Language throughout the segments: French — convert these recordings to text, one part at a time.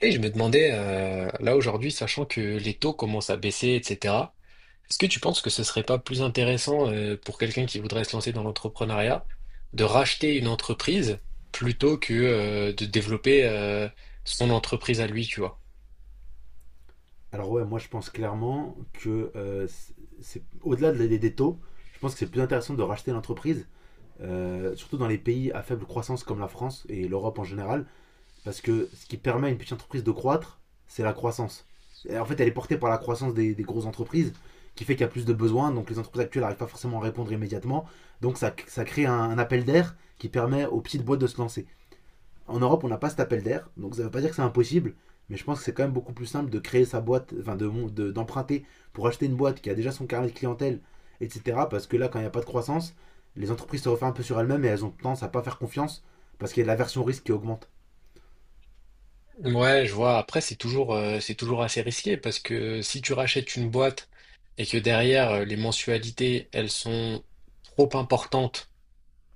Et je me demandais, là aujourd'hui, sachant que les taux commencent à baisser, etc., est-ce que tu penses que ce serait pas plus intéressant pour quelqu'un qui voudrait se lancer dans l'entrepreneuriat de racheter une entreprise plutôt que de développer son entreprise à lui, tu vois? Alors ouais, moi je pense clairement que des taux, je pense que c'est plus intéressant de racheter l'entreprise, surtout dans les pays à faible croissance comme la France et l'Europe en général, parce que ce qui permet à une petite entreprise de croître, c'est la croissance. Et en fait, elle est portée par la croissance des grosses entreprises, qui fait qu'il y a plus de besoins, donc les entreprises actuelles n'arrivent pas forcément à répondre immédiatement, donc ça crée un appel d'air qui permet aux petites boîtes de se lancer. En Europe, on n'a pas cet appel d'air, donc ça ne veut pas dire que c'est impossible, mais je pense que c'est quand même beaucoup plus simple de créer sa boîte, d'emprunter pour acheter une boîte qui a déjà son carnet de clientèle, etc. Parce que là, quand il n'y a pas de croissance, les entreprises se referment un peu sur elles-mêmes et elles ont tendance à ne pas faire confiance parce qu'il y a de la version risque qui augmente. Ouais, je vois. Après, c'est toujours assez risqué parce que si tu rachètes une boîte et que derrière, les mensualités, elles sont trop importantes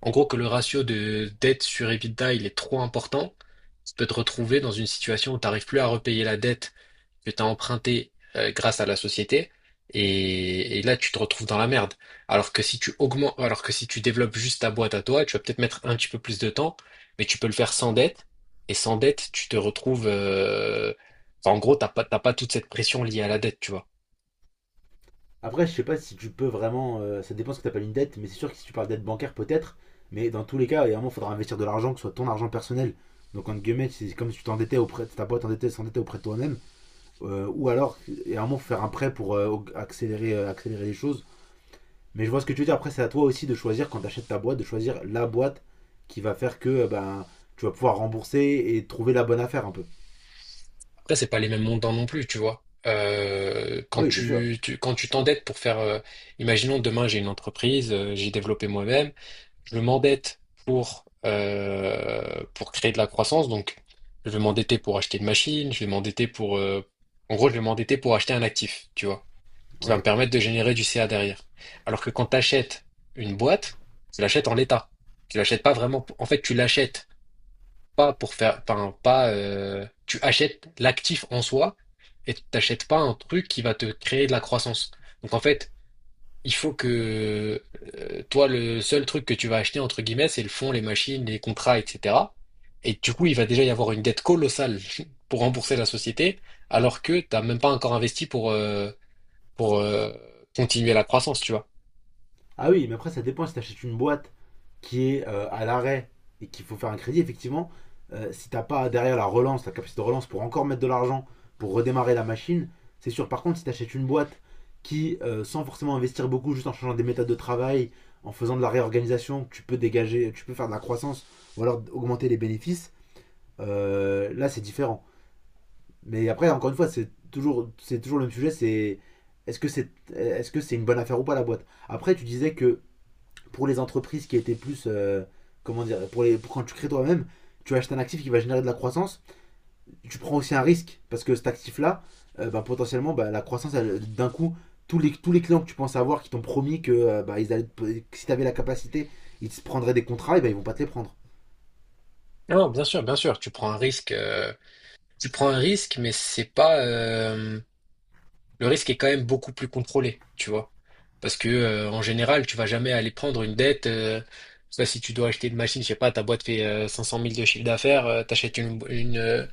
en gros que le ratio de dette sur EBITDA, il est trop important, tu peux te retrouver dans une situation où tu n'arrives plus à repayer la dette que tu as empruntée grâce à la société, et là tu te retrouves dans la merde. Alors que si tu développes juste ta boîte à toi, tu vas peut-être mettre un petit peu plus de temps, mais tu peux le faire sans dette, et sans dette, tu te retrouves enfin, en gros, t'as pas toute cette pression liée à la dette, tu vois. Après, je sais pas si tu peux vraiment, ça dépend ce que tu appelles une dette, mais c'est sûr que si tu parles dette bancaire, peut-être. Mais dans tous les cas, il faudra investir de l'argent, que ce soit ton argent personnel. Donc, entre guillemets, c'est comme si tu t'endettais auprès de ta boîte, s'endettait auprès de toi-même. Ou alors, et à un moment, faut faire un prêt pour accélérer les choses. Mais je vois ce que tu veux dire. Après, c'est à toi aussi de choisir, quand tu achètes ta boîte, de choisir la boîte qui va faire que tu vas pouvoir rembourser et trouver la bonne affaire un peu. Après, c'est pas les mêmes montants non plus, tu vois. Euh, quand Oui, c'est sûr. tu, tu- quand tu t'endettes pour faire, imaginons demain j'ai une entreprise, j'ai développé moi-même, je m'endette pour créer de la croissance, donc je vais m'endetter pour acheter une machine, je vais m'endetter en gros, je vais m'endetter pour acheter un actif, tu vois, qui va me Ouais. permettre de générer du CA derrière. Alors que quand tu achètes une boîte, tu l'achètes en l'état, tu l'achètes pas vraiment. En fait, tu l'achètes pas pour faire, enfin, pas, tu achètes l'actif en soi et tu t'achètes pas un truc qui va te créer de la croissance. Donc en fait, il faut que toi, le seul truc que tu vas acheter, entre guillemets, c'est le fonds, les machines, les contrats, etc. Et du coup, il va déjà y avoir une dette colossale pour rembourser la société, alors que t'as même pas encore investi pour continuer la croissance, tu vois. Ah oui, mais après, ça dépend si tu achètes une boîte qui est à l'arrêt et qu'il faut faire un crédit, effectivement, si t'as pas derrière la relance, la capacité de relance pour encore mettre de l'argent pour redémarrer la machine, c'est sûr. Par contre, si t'achètes une boîte qui, sans forcément investir beaucoup, juste en changeant des méthodes de travail, en faisant de la réorganisation, tu peux dégager, tu peux faire de la croissance ou alors augmenter les bénéfices, là c'est différent. Mais après, encore une fois, c'est toujours le même sujet, c'est est-ce que c'est est -ce que c'est une bonne affaire ou pas la boîte. Après, tu disais que pour les entreprises qui étaient plus, comment dire, pour les, pour quand tu crées toi-même, tu achètes un actif qui va générer de la croissance. Tu prends aussi un risque parce que cet actif-là, potentiellement, bah, la croissance, d'un coup, tous les clients que tu penses avoir qui t'ont promis que, ils allaient, que si tu avais la capacité, ils te prendraient des contrats, et bah ils vont pas te les prendre. Non, bien sûr, tu prends un risque, tu prends un risque, mais c'est pas, le risque est quand même beaucoup plus contrôlé, tu vois. Parce que en général, tu vas jamais aller prendre une dette. Je sais pas si tu dois acheter une machine, je sais pas, ta boîte fait 500 000 de chiffre d'affaires,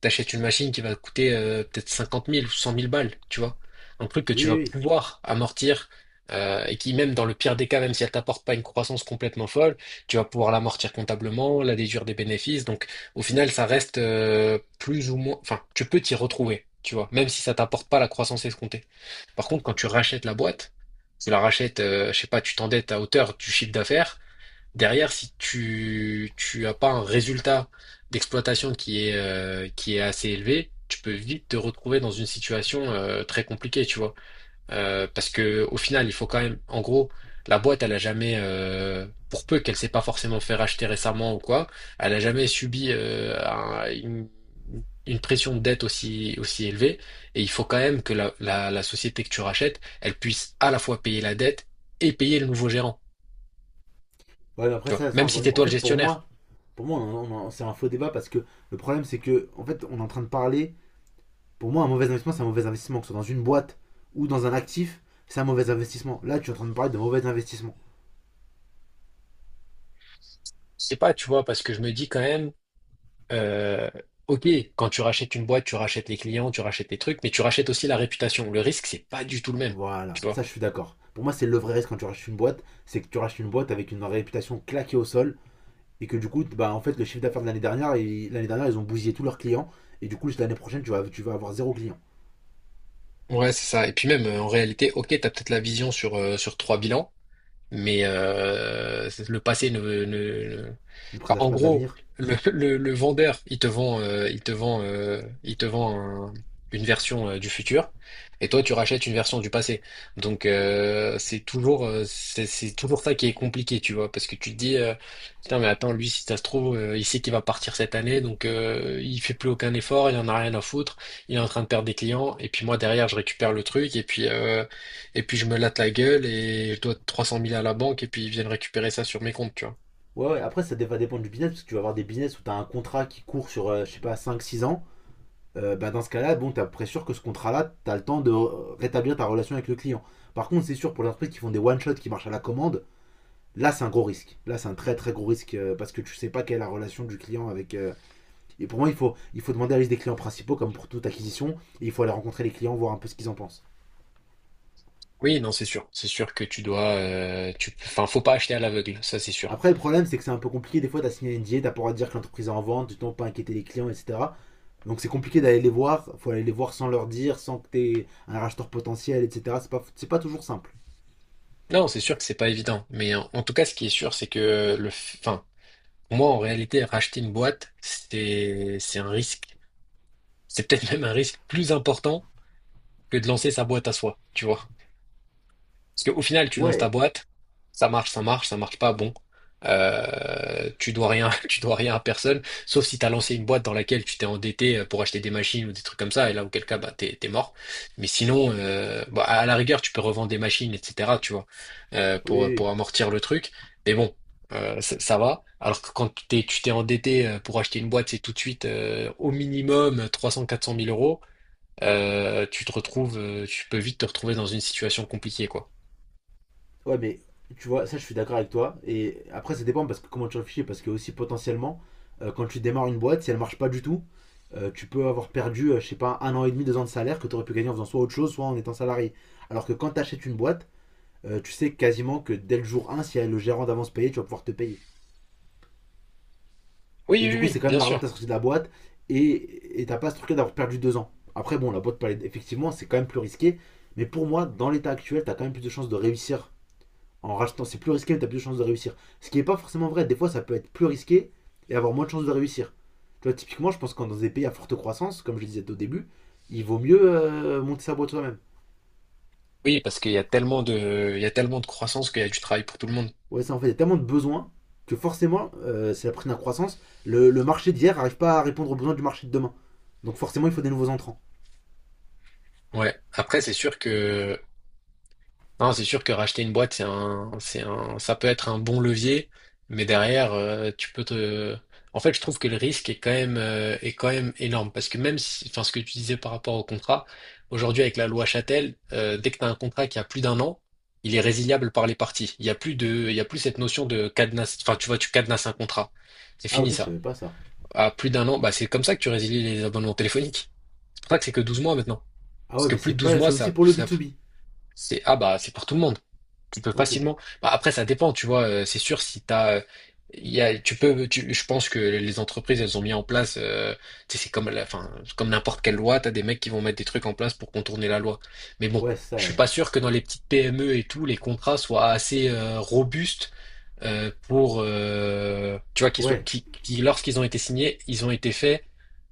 T'achètes une machine qui va te coûter peut-être 50 000 ou 100 000 balles, tu vois. Un truc que Oui, tu oui, vas oui. pouvoir amortir et qui, même dans le pire des cas, même si elle t'apporte pas une croissance complètement folle, tu vas pouvoir l'amortir comptablement, la déduire des bénéfices. Donc, au final, ça reste plus ou moins. Enfin, tu peux t'y retrouver, tu vois, même si ça t'apporte pas la croissance escomptée. Par contre, quand tu rachètes la boîte, tu la rachètes, je sais pas, tu t'endettes à hauteur du chiffre d'affaires. Derrière, si tu as pas un résultat d'exploitation qui est assez élevé, tu peux vite te retrouver dans une situation très compliquée, tu vois. Parce que au final, il faut quand même, en gros, la boîte, elle a jamais, pour peu qu'elle s'est pas forcément fait racheter récemment ou quoi, elle a jamais subi une pression de dette aussi élevée. Et il faut quand même que la société que tu rachètes, elle puisse à la fois payer la dette et payer le nouveau gérant, Ouais, mais tu après, vois. ça Même si encore une c'est fois. En toi le fait, pour gestionnaire. moi, pour moi on c'est un faux débat parce que le problème, c'est que, en fait, on est en train de parler. Pour moi, un mauvais investissement, c'est un mauvais investissement, que ce soit dans une boîte ou dans un actif, c'est un mauvais investissement. Là, tu es en train de me parler de mauvais investissement. Je sais pas, tu vois, parce que je me dis quand même, euh, ok, quand tu rachètes une boîte, tu rachètes les clients, tu rachètes les trucs, mais tu rachètes aussi la réputation. Le risque, c'est pas du tout le même, Voilà, tu vois. ça je suis d'accord. Pour moi, c'est le vrai risque quand tu rachètes une boîte, c'est que tu rachètes une boîte avec une réputation claquée au sol et que du coup, bah, en fait, le chiffre d'affaires de l'année dernière, ils ont bousillé tous leurs clients et du coup, l'année prochaine, tu vas avoir zéro client. Ouais, c'est ça. Et puis même, en réalité, ok, t'as peut-être la vision sur, sur trois bilans, mais c'est- le passé ne- Ne Enfin, présage en pas de gros, l'avenir. le vendeur, il te vend une version du futur, et toi, tu rachètes une version du passé. Donc, c'est toujours ça qui est compliqué, tu vois, parce que tu te dis, putain, mais attends, lui, si ça se trouve, il sait qu'il va partir cette année, donc il fait plus aucun effort, il en a rien à foutre, il est en train de perdre des clients, et puis moi derrière, je récupère le truc, et puis je me latte la gueule et je dois 300 000 à la banque et puis ils viennent récupérer ça sur mes comptes, tu vois. Ouais, ouais, après, ça va dépendre du business parce que tu vas avoir des business où tu as un contrat qui court sur, je sais pas, cinq, six ans, dans ce cas-là, bon, t'es à peu près sûr que ce contrat-là, t'as le temps de rétablir ta relation avec le client. Par contre, c'est sûr pour les entreprises qui font des one-shots qui marchent à la commande, là c'est un gros risque. Là c'est un très très gros risque parce que tu sais pas quelle est la relation du client avec, et pour moi, il faut demander la liste des clients principaux comme pour toute acquisition et il faut aller rencontrer les clients, voir un peu ce qu'ils en pensent. Oui, non, c'est sûr. C'est sûr que tu dois, enfin, faut pas acheter à l'aveugle, ça c'est sûr. Après, le problème c'est que c'est un peu compliqué. Des fois, t'as signé un NDA, t'as pas le droit de dire que l'entreprise est en vente, tu t'en pas inquiéter les clients, etc. Donc c'est compliqué d'aller les voir. Il faut aller les voir sans leur dire, sans que t'aies un racheteur potentiel, etc. C'est pas toujours simple. Non, c'est sûr que c'est pas évident. Mais en tout cas, ce qui est sûr, c'est que enfin, moi en réalité, racheter une boîte, c'est un risque. C'est peut-être même un risque plus important que de lancer sa boîte à soi, tu vois. Parce qu'au final, tu lances ta Ouais, boîte, ça marche, ça marche, ça marche pas, bon. Tu dois rien, tu dois rien à personne, sauf si tu as lancé une boîte dans laquelle tu t'es endetté pour acheter des machines ou des trucs comme ça, et là, auquel cas, bah, t'es, t'es mort. Mais sinon, bah, à la rigueur, tu peux revendre des machines, etc., tu vois, euh, oui, pour, pour oui. amortir le truc. Mais bon, ça, ça va. Alors que quand tu t'es endetté pour acheter une boîte, c'est tout de suite au minimum 300-400 mille euros. Tu peux vite te retrouver dans une situation compliquée, quoi. Ouais, mais tu vois, ça je suis d'accord avec toi. Et après, ça dépend parce que comment tu réfléchis. Parce que aussi potentiellement, quand tu démarres une boîte, si elle marche pas du tout, tu peux avoir perdu, je sais pas, un an et demi, deux ans de salaire que tu aurais pu gagner en faisant soit autre chose, soit en étant salarié. Alors que quand tu achètes une boîte, tu sais quasiment que dès le jour un si elle a le gérant d'avance payé, tu vas pouvoir te payer. Oui, Et oui, du coup, oui, c'est quand même bien de l'argent que sûr. tu as sorti de la boîte et t'as pas ce truc-là d'avoir perdu deux ans. Après, bon, la boîte, effectivement, c'est quand même plus risqué. Mais pour moi, dans l'état actuel, tu as quand même plus de chances de réussir en rachetant, c'est plus risqué, t'as plus de chances de réussir. Ce qui n'est pas forcément vrai, des fois ça peut être plus risqué et avoir moins de chances de réussir. Tu vois, typiquement, je pense que dans des pays à forte croissance, comme je disais au début, il vaut mieux monter sa boîte soi-même. Oui, parce qu'il y a tellement de croissance qu'il y a du travail pour tout le monde. Ouais, ça en fait, il y a tellement de besoins que forcément, c'est la prise de la croissance, le marché d'hier n'arrive pas à répondre aux besoins du marché de demain. Donc forcément, il faut des nouveaux entrants. Ouais. Après, c'est sûr que, non, c'est sûr que racheter une boîte, ça peut être un bon levier, mais derrière, en fait, je trouve que le risque est quand même énorme parce que même si, enfin, ce que tu disais par rapport au contrat, aujourd'hui avec la loi Châtel, dès que tu as un contrat qui a plus d'un an, il est résiliable par les parties. Il y a plus cette notion de cadenas, enfin, tu vois, tu cadenas un contrat. C'est Ah ok, fini je ça. savais pas ça. À plus d'un an, bah c'est comme ça que tu résilies les abonnements téléphoniques. C'est pour ça que c'est que 12 mois maintenant. Ah Parce ouais, que mais plus c'est de 12 pas, mois, c'est aussi ça, pour le ça- B2B. c'est ah bah c'est pour tout le monde. Tu peux Ok. facilement. Bah, après, ça dépend, tu vois. C'est sûr si t'as, il y a, tu peux, tu- je pense que les entreprises, elles ont mis en place. Tu sais, c'est comme la, enfin, comme n'importe quelle loi, t'as des mecs qui vont mettre des trucs en place pour contourner la loi. Mais bon, Ouais, je suis ça. pas sûr que dans les petites PME et tout, les contrats soient assez robustes pour, tu vois, qu'ils soient, Ouais, lorsqu'ils ont été signés, ils ont été faits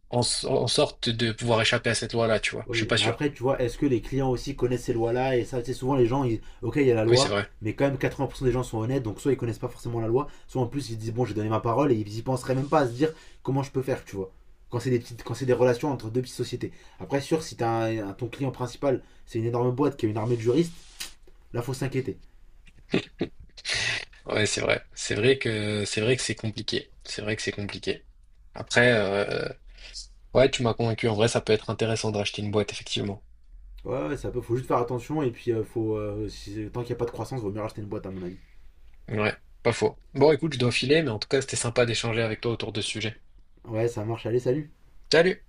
en sorte de pouvoir échapper à cette loi-là, tu vois. oui, Je suis oui, pas mais sûr. après, tu vois, est-ce que les clients aussi connaissent ces lois-là? Et ça, tu sais, souvent les gens, ils, ok, il y a la Oui, c'est loi, vrai. mais quand même 80% des gens sont honnêtes, donc soit ils connaissent pas forcément la loi, soit en plus ils disent bon, j'ai donné ma parole et ils y penseraient même pas à se dire comment je peux faire, tu vois. Quand c'est des petites, quand c'est des relations entre deux petites sociétés. Après, sûr, si t'as un, ton client principal, c'est une énorme boîte qui a une armée de juristes, là, faut s'inquiéter. Ouais, c'est vrai. c'est vrai que c'est compliqué. C'est vrai que c'est compliqué. Après, ouais, tu m'as convaincu. En vrai, ça peut être intéressant de racheter une boîte, effectivement. Ouais, ouais, ça peut, faut juste faire attention et puis faut, tant qu'il n'y a pas de croissance, vaut mieux racheter une boîte à mon avis. Ouais, pas faux. Bon, écoute, je dois filer, mais en tout cas, c'était sympa d'échanger avec toi autour de ce sujet. Ouais, ça marche, allez, salut. Salut!